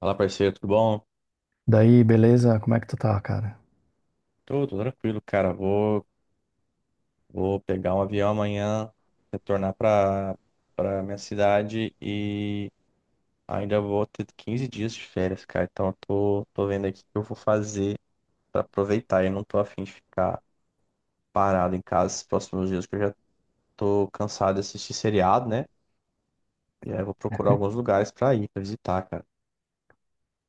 Fala, parceiro, tudo bom? Daí, beleza? Como é que tu tá, cara? Tudo tranquilo, cara. Vou pegar um avião amanhã, retornar para minha cidade e ainda vou ter 15 dias de férias, cara. Então, eu tô vendo aqui o que eu vou fazer para aproveitar. Eu não tô afim de ficar parado em casa esses próximos dias, porque eu já tô cansado de assistir seriado, né? E aí eu vou procurar alguns lugares para ir, para visitar, cara.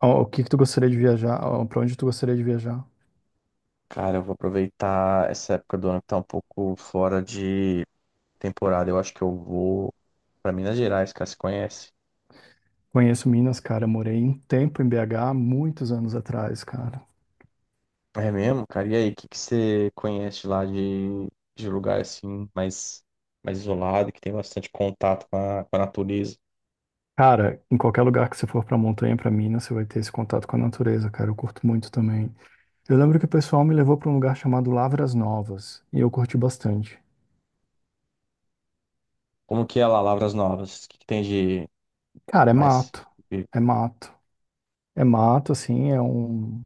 O que que tu gostaria de viajar? Ó, pra onde tu gostaria de viajar? Cara, eu vou aproveitar essa época do ano que tá um pouco fora de temporada. Eu acho que eu vou. Pra Minas Gerais, cara, você conhece? Conheço Minas, cara. Eu morei um tempo em BH, muitos anos atrás, cara. É mesmo, cara? E aí, o que que você conhece lá de lugar assim, mais isolado, que tem bastante contato com a natureza? Cara, em qualquer lugar que você for pra montanha, pra Minas, você vai ter esse contato com a natureza, cara. Eu curto muito também. Eu lembro que o pessoal me levou pra um lugar chamado Lavras Novas, e eu curti bastante. Como que é lá, Lavras Novas? O que que tem de Cara, é mais mato. de- É mato. É mato, assim,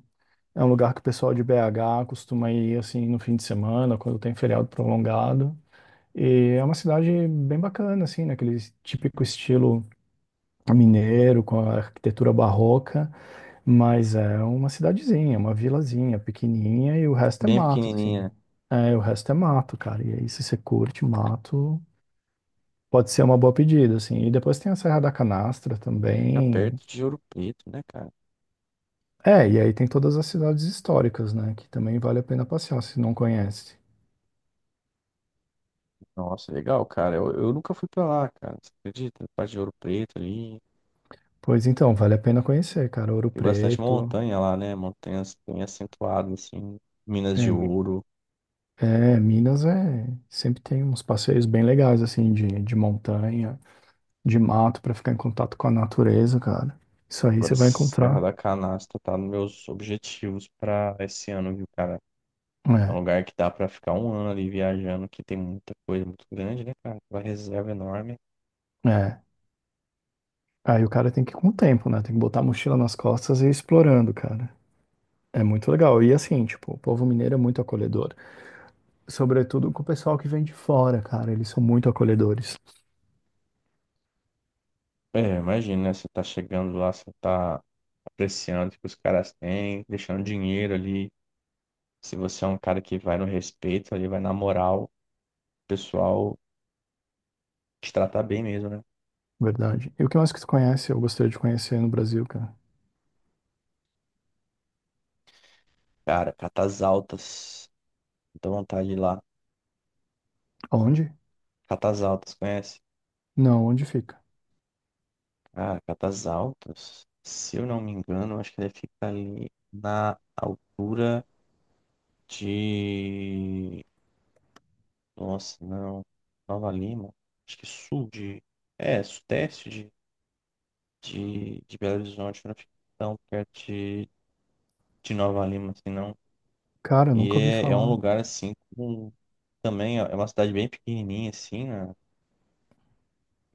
é um lugar que o pessoal de BH costuma ir, assim, no fim de semana, quando tem feriado prolongado. E é uma cidade bem bacana, assim, naquele típico estilo mineiro, com a arquitetura barroca, mas é uma cidadezinha, uma vilazinha pequenininha e o resto é bem mato, assim. pequenininha? É, o resto é mato, cara. E aí, se você curte mato, pode ser uma boa pedida, assim. E depois tem a Serra da Canastra Fica também. perto de Ouro Preto, né, cara? É, e aí tem todas as cidades históricas, né, que também vale a pena passear, se não conhece. Nossa, legal, cara. Eu nunca fui pra lá, cara. Você acredita? Parte de Ouro Preto ali. Pois então, vale a pena conhecer, cara. Ouro Tem bastante Preto. montanha lá, né? Montanhas bem acentuadas, assim. Minas de É, Ouro. É, Minas é sempre tem uns passeios bem legais assim de montanha, de mato pra ficar em contato com a natureza, cara. Isso aí Agora, você vai Serra encontrar. da Canastra tá nos meus objetivos para esse ano, viu, cara? É um É, lugar que dá para ficar um ano ali viajando, que tem muita coisa muito grande, né, cara? Uma reserva enorme. é. Aí o cara tem que ir com o tempo, né? Tem que botar a mochila nas costas e ir explorando, cara. É muito legal. E assim, tipo, o povo mineiro é muito acolhedor. Sobretudo com o pessoal que vem de fora, cara. Eles são muito acolhedores, É, imagina, né? Você tá chegando lá, você tá apreciando o que os caras têm, deixando dinheiro ali. Se você é um cara que vai no respeito ali, vai na moral, o pessoal te trata bem mesmo, né? verdade. E o que mais que tu conhece? Eu gostaria de conhecer no Brasil, cara. Cara, Catas Altas, dá vontade de ir lá. Onde? Catas Altas, conhece? Não, onde fica? Ah, Catas Altas. Se eu não me engano, acho que ele fica ali na altura de. Nossa, não. Nova Lima. Acho que sul de. É, sudeste de Belo Horizonte. Não fica tão perto de Nova Lima, assim, não. Cara, eu E nunca ouvi é um falar. lugar, assim, com. Também é uma cidade bem pequenininha, assim, na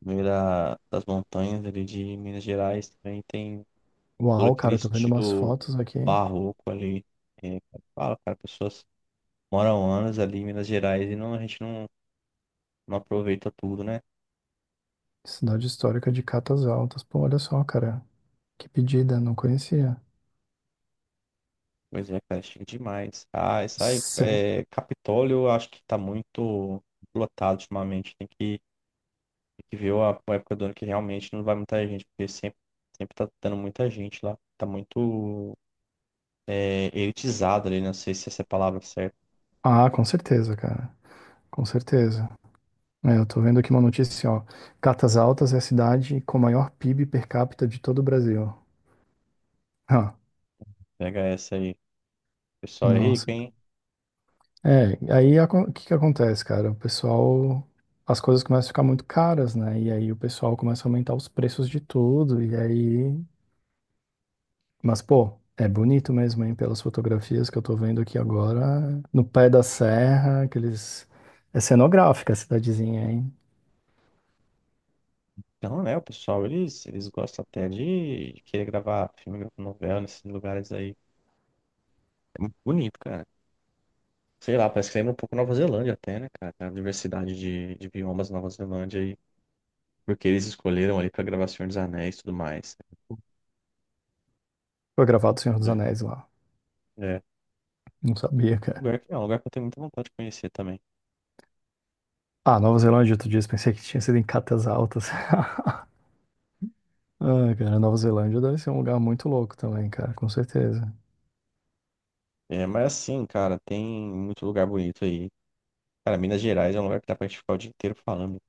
no meio das montanhas ali de Minas Gerais. Também tem. Todo Uau, aquele cara, eu tô vendo umas estilo fotos aqui. barroco ali. É, fala, cara, pessoas moram anos ali em Minas Gerais e não, a gente não aproveita tudo, né? Cidade histórica de Catas Altas. Pô, olha só, cara. Que pedida, não conhecia. Pois é, cara, chique demais. Ah, isso aí, Se- é, Capitólio, eu acho que tá muito lotado ultimamente. Tem que ver a época do ano que realmente não vai muita gente, porque sempre tá dando muita gente lá. Tá muito é, elitizado ali, não sei se essa é a palavra certa. Ah, com certeza, cara. Com certeza. É, eu tô vendo aqui uma notícia, ó. Catas Altas é a cidade com maior PIB per capita de todo o Brasil. Ah, Pega essa aí. O pessoal é rico, nossa. hein? É, o que que acontece, cara? O pessoal. As coisas começam a ficar muito caras, né? E aí o pessoal começa a aumentar os preços de tudo. E aí mas, pô, é bonito mesmo, hein? Pelas fotografias que eu tô vendo aqui agora, no pé da serra, aqueles. É cenográfica a cidadezinha, hein? Então, né, o pessoal, eles gostam até de querer gravar filme, gravar novela nesses lugares aí. É muito bonito, cara. Sei lá, parece que lembra um pouco Nova Zelândia até, né, cara? A diversidade de biomas da Nova Zelândia aí porque eles escolheram ali pra gravar Senhor dos Anéis e tudo mais. Foi gravado o Senhor dos É, Anéis lá. é Não sabia, um cara. lugar que, é um lugar que eu tenho muita vontade de conhecer também. Ah, Nova Zelândia, outro dia, pensei que tinha sido em Catas Altas. Ah, cara, Nova Zelândia deve ser um lugar muito louco também, cara, com certeza. É, mas assim, cara, tem muito lugar bonito aí. Cara, Minas Gerais é um lugar que dá pra gente ficar o dia inteiro falando.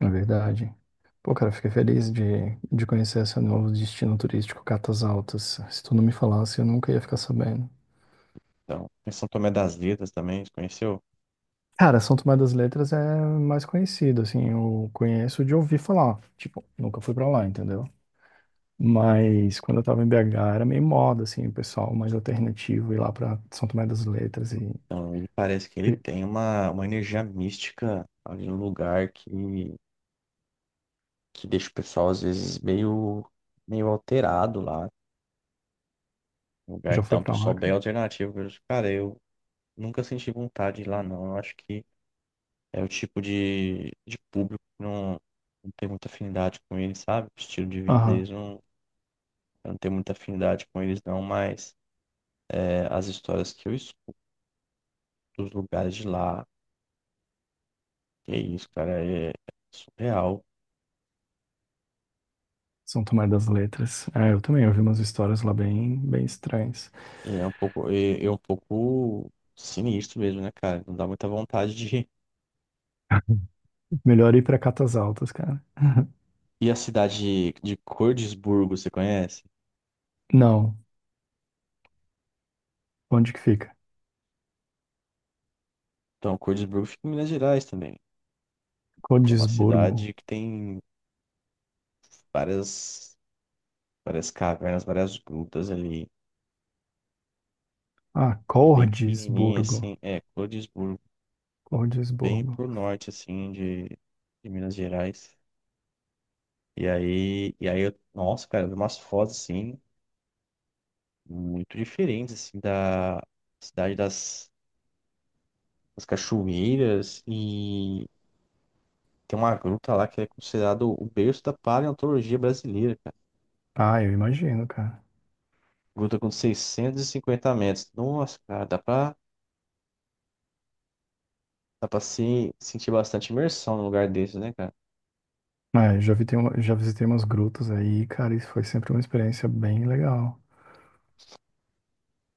É verdade. Pô, cara, fiquei feliz de conhecer esse novo destino turístico, Catas Altas. Se tu não me falasse, eu nunca ia ficar sabendo. Então, tem São Tomé das Letras também, você conheceu? Cara, São Tomé das Letras é mais conhecido, assim, eu conheço de ouvir falar, tipo, nunca fui pra lá, entendeu? Mas quando eu tava em BH era meio moda, assim, o pessoal mais alternativo ir lá pra São Tomé das Letras e... Então, ele parece que ele e- tem uma energia mística ali no lugar que deixa o pessoal, às vezes, meio alterado lá. Um Tu lugar já que tá foi um pra pessoal lá, bem cara? alternativo. Eu, cara, eu nunca senti vontade de ir lá, não. Eu acho que é o tipo de público que não tem muita afinidade com eles, sabe? O estilo de vida Aham, deles não, eu não tem muita afinidade com eles, não. Mas é, as histórias que eu escuto dos lugares de lá, que é isso, cara, é surreal. São Tomé das Letras. É, eu também ouvi umas histórias lá bem, bem estranhas. E é um pouco sinistro mesmo, né, cara? Não dá muita vontade de. Melhor ir pra Catas Altas, cara. E a cidade de Cordisburgo, você conhece? Não, onde que fica? Então, Cordisburgo fica em Minas Gerais também. É uma Cordisburgo. cidade que tem várias, várias cavernas, várias grutas ali. Ah, E bem pequenininha, assim. Cordisburgo. É, Cordisburgo. Tá bem Cordisburgo. pro norte, assim, de Minas Gerais. E aí eu, nossa, cara, eu vi umas fotos, assim, muito diferentes, assim, da cidade das as cachoeiras e tem uma gruta lá que é considerado o berço da paleontologia brasileira, cara. Ah, eu imagino, cara. Gruta com 650 metros. Nossa, cara, dá pra se sentir bastante imersão num lugar desse, né, cara? É, já visitei umas grutas aí, cara, isso foi sempre uma experiência bem legal.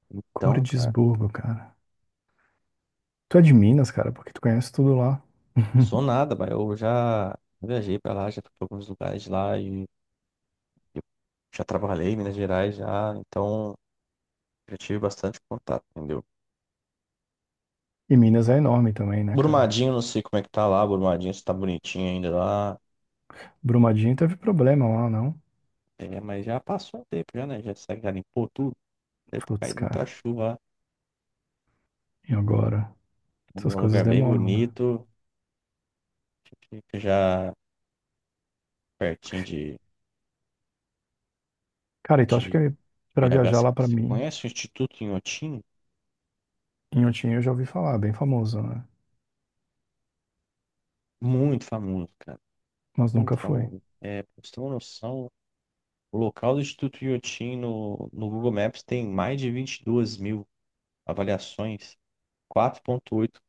Então, cara, Cordisburgo, cara. Tu é de Minas, cara, porque tu conhece tudo lá. sou nada, mas eu já viajei pra lá, já fui pra alguns lugares de lá e eu já trabalhei em Minas Gerais já, então já tive bastante contato, entendeu? E Minas é enorme também, né, cara? Brumadinho, não sei como é que tá lá, Brumadinho, se tá bonitinho ainda lá. Brumadinho teve problema lá, não? É, mas já passou um tempo já, né? Já limpou tudo. Deve ter Putz, caído muita cara. chuva lá. E agora? Vamos Essas um coisas lugar bem demoram, né? bonito. Fica já pertinho de, Cara, e tu acha de que pra BH. viajar Você lá pra você Minas, conhece o Instituto Inhotim? Inhotim eu já ouvi falar, bem famoso, né? Muito famoso, cara. Mas nunca Muito fui. O famoso. É, pra você ter uma noção, o local do Instituto Inhotim no Google Maps tem mais de 22 mil avaliações, 4,8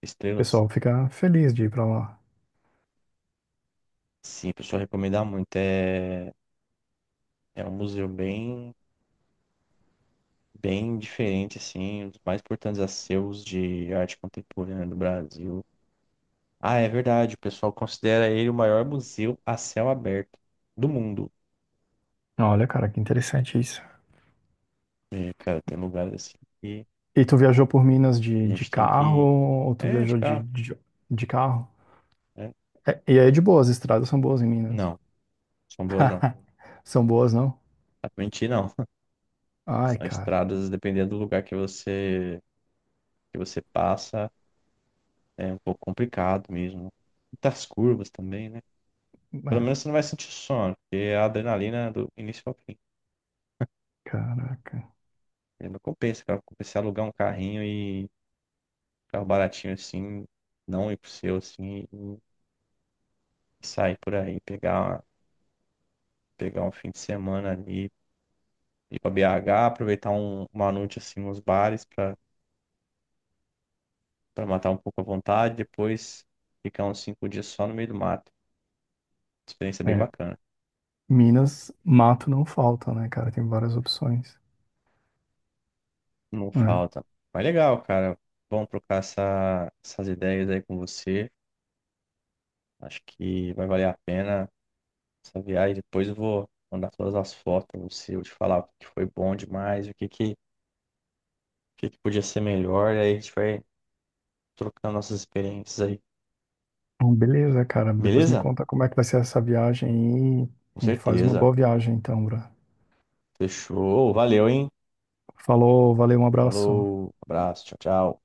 estrelas. pessoal fica feliz de ir pra lá. Sim, pessoal, recomendar muito. É um museu bem diferente, assim, um dos mais importantes acervos de arte contemporânea do Brasil. Ah, é verdade. O pessoal considera ele o maior museu a céu aberto do mundo. Olha, cara, que interessante isso. E, cara, tem lugares assim que E tu viajou por Minas a de gente tem carro que. ou tu É, de viajou carro. De carro? Né? É, e aí é de boa, as estradas são boas em Minas. Não, são boas não. São boas, não? Dá pra mentir, não. Ai, São cara. estradas, dependendo do lugar que você passa, é um pouco complicado mesmo. Muitas curvas também, né? Pelo É, menos você não vai sentir sono, porque é a adrenalina é do início ao fim. caraca. E não compensa, cara. Compensa alugar um carrinho e um carro baratinho assim, não ir pro seu assim. Sair por aí, pegar um fim de semana ali, ir pra BH, aproveitar uma noite assim nos bares pra para matar um pouco a vontade, depois ficar uns 5 dias só no meio do mato. Experiência bem É. bacana. Minas, mato não falta, né, cara? Tem várias opções. Não É. falta. Mas legal, cara. Bom trocar essas ideias aí com você. Acho que vai valer a pena essa viagem. Depois eu vou mandar todas as fotos pra você, vou te falar o que foi bom demais, o que que podia ser melhor. E aí a gente vai trocando nossas experiências aí. Bom, beleza, cara. Depois me Beleza? conta como é que vai ser essa viagem Com aí. E faz uma certeza. boa viagem, então, bro. Fechou. Valeu, hein? Falou, valeu, um abraço. Falou. Abraço. Tchau, tchau.